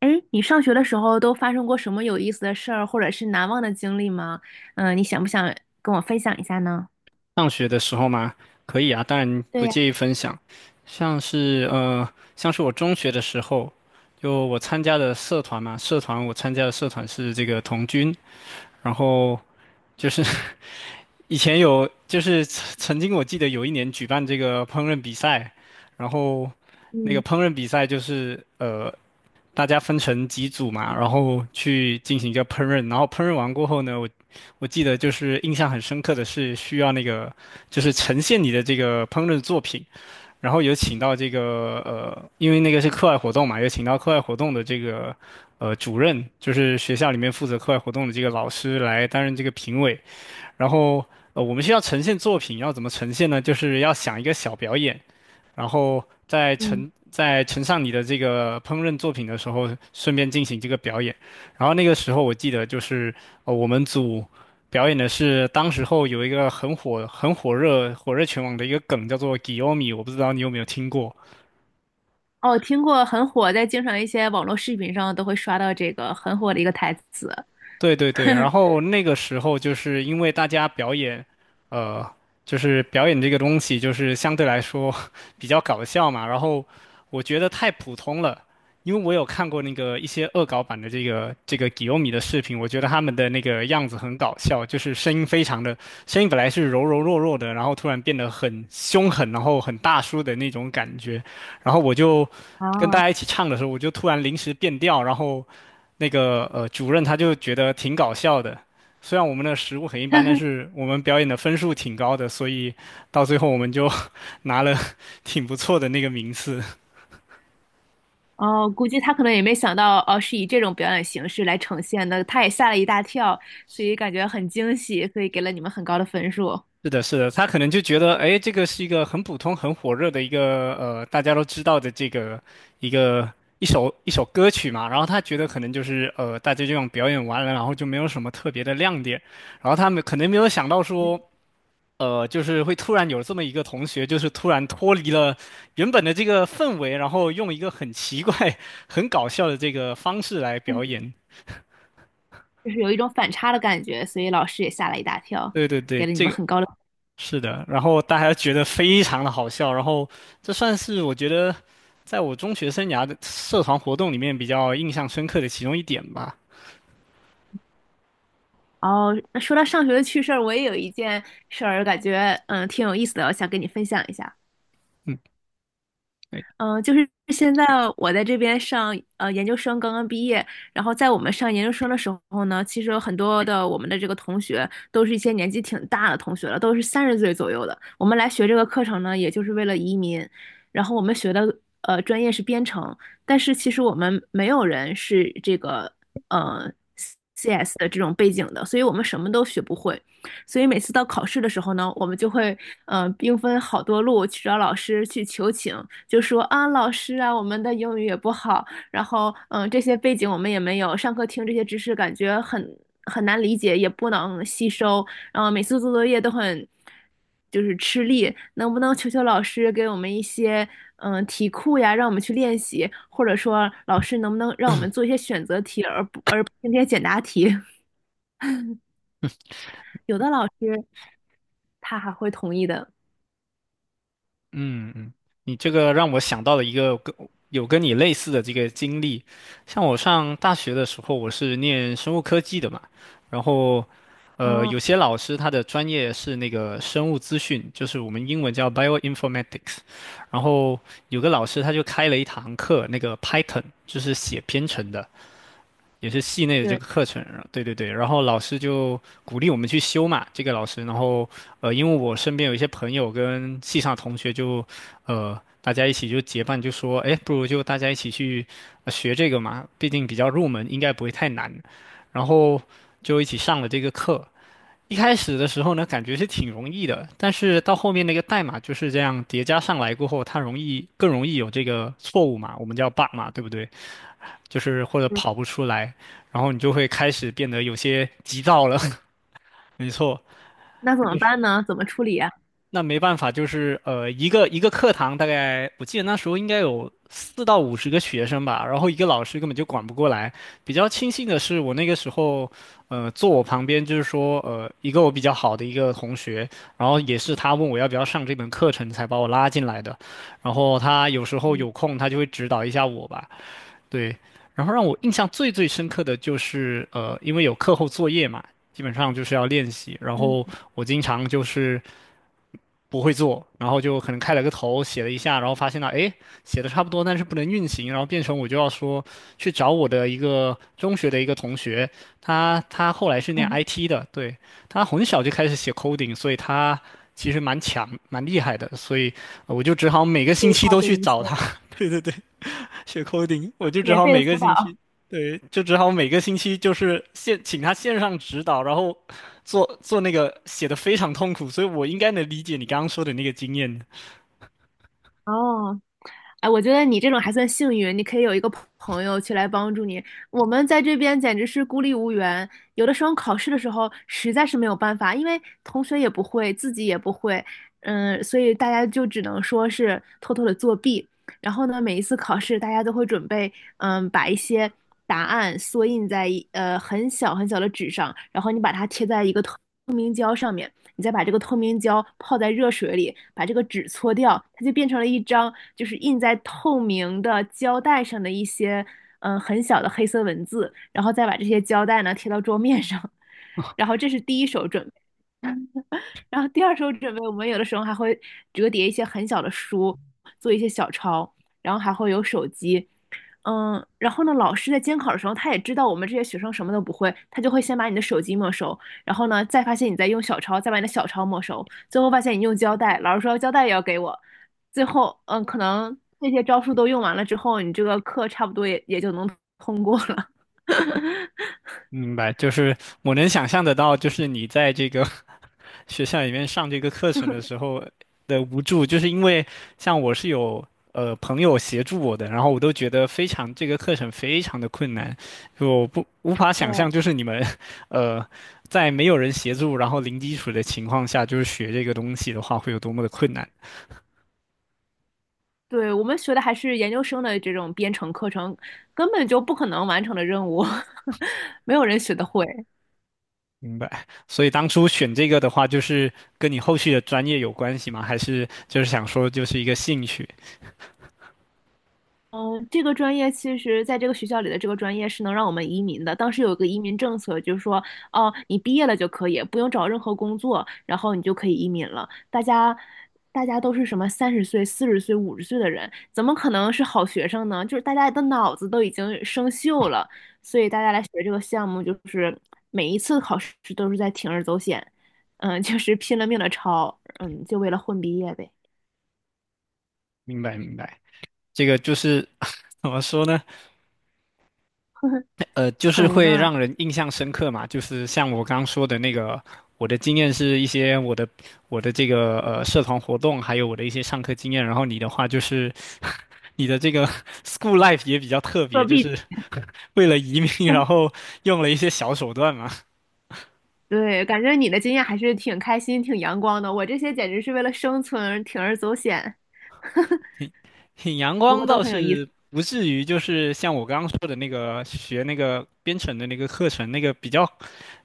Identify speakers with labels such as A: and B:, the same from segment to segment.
A: 哎，你上学的时候都发生过什么有意思的事儿，或者是难忘的经历吗？你想不想跟我分享一下呢？
B: 上学的时候嘛，可以啊，当然
A: 对
B: 不
A: 呀，
B: 介意分享。像是呃，像是我中学的时候，就我参加的社团嘛，我参加的社团是这个童军，然后就是 以前有，就是曾经我记得有一年举办这个烹饪比赛，然后那
A: 嗯
B: 个烹饪比赛就是大家分成几组嘛，然后去进行一个烹饪，然后烹饪完过后呢，我记得就是印象很深刻的是需要那个就是呈现你的这个烹饪作品，然后有请到这个因为那个是课外活动嘛，有请到课外活动的这个主任，就是学校里面负责课外活动的这个老师来担任这个评委，然后。我们需要呈现作品，要怎么呈现呢？就是要想一个小表演，然后在
A: 嗯，
B: 呈在呈上你的这个烹饪作品的时候，顺便进行这个表演。然后那个时候我记得就是我们组表演的是当时候有一个很火热全网的一个梗叫做 Giomi 我不知道你有没有听过。
A: 哦，听过很火，在经常一些网络视频上都会刷到这个很火的一个台词。
B: 对对对，然 后那个时候就是因为大家表演，呃，就是表演这个东西就是相对来说 比较搞笑嘛，然后我觉得太普通了，因为我有看过那个一些恶搞版的这个吉欧米的视频，我觉得他们的那个样子很搞笑，就是声音非常的，声音本来是柔柔弱弱的，然后突然变得很凶狠，然后很大叔的那种感觉，然后我就跟大
A: 啊，
B: 家一起唱的时候，我就突然临时变调，然后。那个主任他就觉得挺搞笑的。虽然我们的食物很一般，但是我们表演的分数挺高的，所以到最后我们就 拿了挺不错的那个名次。
A: 哦，估计他可能也没想到，哦，是以这种表演形式来呈现的，他也吓了一大跳，所以感觉很惊喜，所以给了你们很高的分数。
B: 是的，是的，他可能就觉得，哎，这个是一个很普通、很火热的一个大家都知道的这个一个一首歌曲嘛，然后他觉得可能就是大家就这样表演完了，然后就没有什么特别的亮点，然后他们可能没有想到
A: 嗯，
B: 说就是会突然有这么一个同学，就是突然脱离了原本的这个氛围，然后用一个很奇怪、很搞笑的这个方式来表 演。
A: 就是有一种反差的感觉，所以老师也吓了一大跳，
B: 对对对，
A: 给了你
B: 这
A: 们
B: 个
A: 很高的。
B: 是的。然后大家觉得非常的好笑，然后这算是我觉得在我中学生涯的社团活动里面比较印象深刻的其中一点吧。
A: 哦，那说到上学的趣事儿，我也有一件事儿，感觉挺有意思的，我想跟你分享一下。
B: 嗯，
A: 嗯，就是现在我在这边上研究生，刚刚毕业。然后在我们上研究生的时候呢，其实有很多的我们的这个同学都是一些年纪挺大的同学了，都是三十岁左右的。我们来学这个课程呢，也就是为了移民。然后我们学的专业是编程，但是其实我们没有人是这个呃 CS 的这种背景的，所以我们什么都学不会。所以每次到考试的时候呢，我们就会兵分好多路去找老师去求情，就说啊老师啊，我们的英语也不好，然后这些背景我们也没有，上课听这些知识感觉很难理解，也不能吸收，然后每次做作业都很就是吃力，能不能求求老师给我们一些题库呀，让我们去练习，或者说老师能不能让我们做一些选择题，而不是那些简答题？有的老师他还会同意的。
B: 嗯嗯，你这个让我想到了一个跟你类似的这个经历，像我上大学的时候，我是念生物科技的嘛，然后，有
A: 哦，
B: 些老师他的专业是那个生物资讯，就是我们英文叫 bioinformatics，然后有个老师他就开了一堂课，那个 Python 就是写编程的，也是系内的这
A: 对，
B: 个课程，对对对，然后老师就鼓励我们去修嘛，这个老师，然后因为我身边有一些朋友跟系上同学就，大家一起就结伴就说，哎，不如就大家一起去学这个嘛，毕竟比较入门，应该不会太难，然后就一起上了这个课。一开始的时候呢，感觉是挺容易的，但是到后面那个代码就是这样叠加上来过后，它更容易有这个错误嘛，我们叫 bug 嘛，对不对？就是或者跑不出来，然后你就会开始变得有些急躁了。没错，
A: 那怎么
B: 就是
A: 办呢？怎么处理呀？
B: 那没办法，就是一个课堂大概我记得那时候应该有4到50个学生吧，然后一个老师根本就管不过来。比较庆幸的是，我那个时候坐我旁边就是说一个我比较好的同学，然后也是他问我要不要上这门课程才把我拉进来的，然后他有时候
A: 嗯
B: 有空他就会指导一下我吧。对，然后让我印象最最深刻的就是，因为有课后作业嘛，基本上就是要练习。然后
A: 嗯，
B: 我经常就是不会做，然后就可能开了个头，写了一下，然后发现了，哎，写的差不多，但是不能运行，然后变成我就要说去找我的一个中学的一个同学，他后来是念 IT 的，对，他很小就开始写 coding，所以他其实蛮强蛮厉害的，所以我就只好每个
A: 所
B: 星
A: 以
B: 期
A: 他
B: 都
A: 给
B: 去
A: 你一些
B: 找他。对对对。学 coding，我就只
A: 免
B: 好
A: 费的
B: 每个
A: 辅
B: 星
A: 导。
B: 期，对，就只好每个星期就是请他线上指导，然后做做那个写的非常痛苦，所以我应该能理解你刚刚说的那个经验。
A: 哦，哎，我觉得你这种还算幸运，你可以有一个朋友去来帮助你。我们在这边简直是孤立无援，有的时候考试的时候实在是没有办法，因为同学也不会，自己也不会，所以大家就只能说是偷偷的作弊。然后呢，每一次考试，大家都会准备，把一些答案缩印在很小很小的纸上，然后你把它贴在一个透明胶上面。你再把这个透明胶泡在热水里，把这个纸搓掉，它就变成了一张就是印在透明的胶带上的一些很小的黑色文字，然后再把这些胶带呢贴到桌面上，然后这是第一手准，然后第二手准备，我们有的时候还会折叠一些很小的书，做一些小抄，然后还会有手机，然后呢，老师在监考的时候，他也知道我们这些学生什么都不会，他就会先把你的手机没收，然后呢，再发现你在用小抄，再把你的小抄没收，最后发现你用胶带，老师说胶带也要给我，最后，可能这些招数都用完了之后，你这个课差不多也就能通过了。
B: 明白，就是我能想象得到，就是你在这个 学校里面上这个课程的时候的无助，就是因为像我是有朋友协助我的，然后我都觉得非常这个课程非常的困难，就我不无法 想象，
A: 对，
B: 就是你们 呃在没有人协助，然后零基础的情况下，就是学这个东西的话会有多么的困难。
A: 对，我们学的还是研究生的这种编程课程，根本就不可能完成的任务，没有人学得会。
B: 明白，所以当初选这个的话，就是跟你后续的专业有关系吗？还是就是想说就是一个兴趣？
A: 嗯，这个专业其实在这个学校里的这个专业是能让我们移民的。当时有一个移民政策，就是说，哦，你毕业了就可以，不用找任何工作，然后你就可以移民了。大家，大家都是什么三十岁、40岁、50岁的人，怎么可能是好学生呢？就是大家的脑子都已经生锈了，所以大家来学这个项目，就是每一次考试都是在铤而走险，就是拼了命的抄，就为了混毕业呗，
B: 明白，明白。这个就是 怎么说呢？就是
A: 很无
B: 会
A: 奈。
B: 让人印象深刻嘛。就是像我刚刚说的那个，我的经验是一些我的这个社团活动，还有我的一些上课经验。然后你的话就是 你的这个 school life 也比较特
A: 作
B: 别，就
A: 弊。
B: 是 为了移民，然后用了一些小手段嘛。
A: 对，感觉你的经验还是挺开心、挺阳光的。我这些简直是为了生存，铤而走险，
B: 挺挺阳
A: 不
B: 光
A: 过都
B: 倒
A: 很有意思。
B: 是不至于，就是像我刚刚说的那个学那个编程的那个课程，那个比较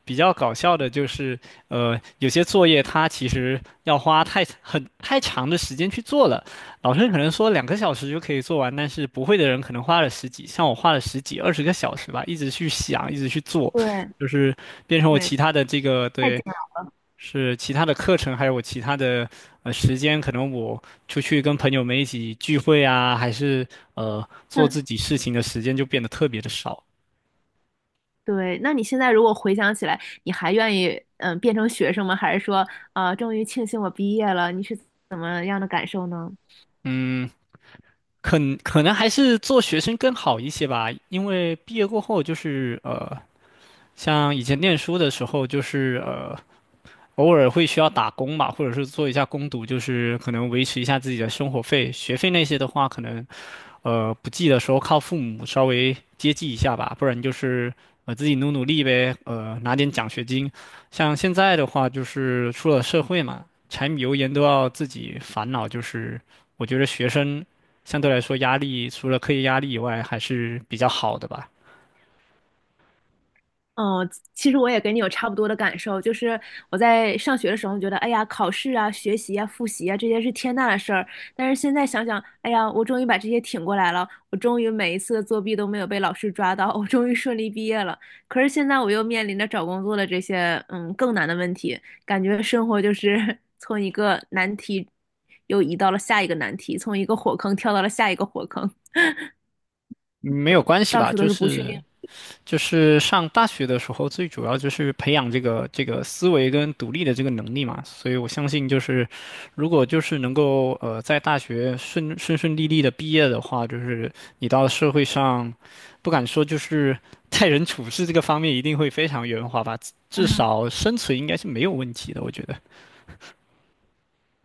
B: 比较搞笑的就是，有些作业它其实要花太长的时间去做了，老师可能说2个小时就可以做完，但是不会的人可能花了十几，像我花了十几二十个小时吧，一直去想，一直去做，
A: 对
B: 就是变成我
A: 对，
B: 其他的这个
A: 太惊
B: 对，
A: 了。
B: 是其他的课程，还有我其他的时间，可能我出去跟朋友们一起聚会啊，还是做
A: 嗯，
B: 自己事情的时间就变得特别的少，
A: 对。那你现在如果回想起来，你还愿意变成学生吗？还是说终于庆幸我毕业了？你是怎么样的感受呢？
B: 嗯。可可能还是做学生更好一些吧，因为毕业过后就是像以前念书的时候就是偶尔会需要打工嘛，或者是做一下工读，就是可能维持一下自己的生活费。学费那些的话，可能不济的时候靠父母稍微接济一下吧，不然就是自己努努力呗，拿点奖学金。像现在的话，就是出了社会嘛，柴米油盐都要自己烦恼，就是我觉得学生相对来说压力除了课业压力以外还是比较好的吧，
A: 嗯，其实我也跟你有差不多的感受，就是我在上学的时候觉得，哎呀，考试啊、学习啊、复习啊，这些是天大的事儿。但是现在想想，哎呀，我终于把这些挺过来了，我终于每一次的作弊都没有被老师抓到，我终于顺利毕业了。可是现在我又面临着找工作的这些，嗯，更难的问题，感觉生活就是 从一个难题又移到了下一个难题，从一个火坑跳到了下一个火坑，
B: 嗯没有关系
A: 到
B: 吧，
A: 处都
B: 就
A: 是不确
B: 是
A: 定。
B: 就是上大学的时候，最主要就是培养这个思维跟独立的这个能力嘛。所以我相信，就是如果就是能够在大学顺顺利利的毕业的话，就是你到社会上，不敢说就是待人处事这个方面一定会非常圆滑吧，至少生存应该是没有问题的。我觉得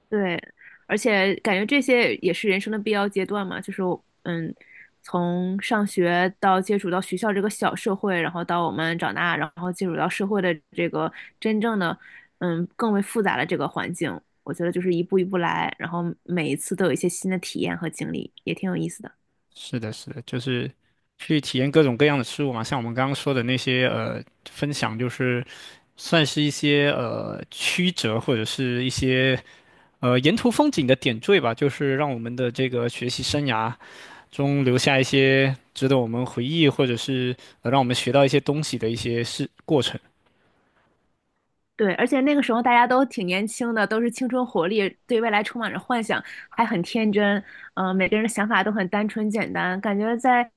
A: 对，而且感觉这些也是人生的必要阶段嘛，就是嗯，从上学到接触到学校这个小社会，然后到我们长大，然后接触到社会的这个真正的更为复杂的这个环境，我觉得就是一步一步来，然后每一次都有一些新的体验和经历，也挺有意思的。
B: 是的，是的，就是去体验各种各样的事物嘛，像我们刚刚说的那些分享，就是。算是一些曲折或者是一些沿途风景的点缀吧，就是让我们的这个学习生涯中留下一些值得我们回忆，或者是让我们学到一些东西的一些事过程。
A: 对，而且那个时候大家都挺年轻的，都是青春活力，对未来充满着幻想，还很天真。每个人的想法都很单纯简单，感觉在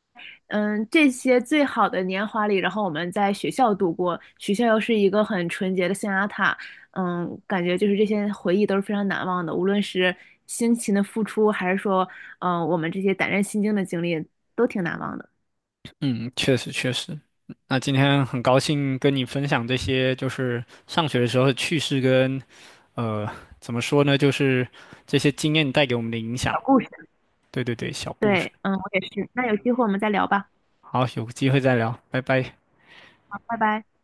A: 这些最好的年华里，然后我们在学校度过，学校又是一个很纯洁的象牙塔。感觉就是这些回忆都是非常难忘的，无论是辛勤的付出，还是说我们这些胆战心惊的经历，都挺难忘的。
B: 嗯，确实确实。那今天很高兴跟你分享这些，就是上学的时候的趣事跟呃怎么说呢，就是这些经验带给我们的影响。
A: 小故事。
B: 对对对，小故事。
A: 对，嗯，我也是。那有机会我们再聊吧。
B: 好，有机会再聊，拜拜。
A: 好，拜拜。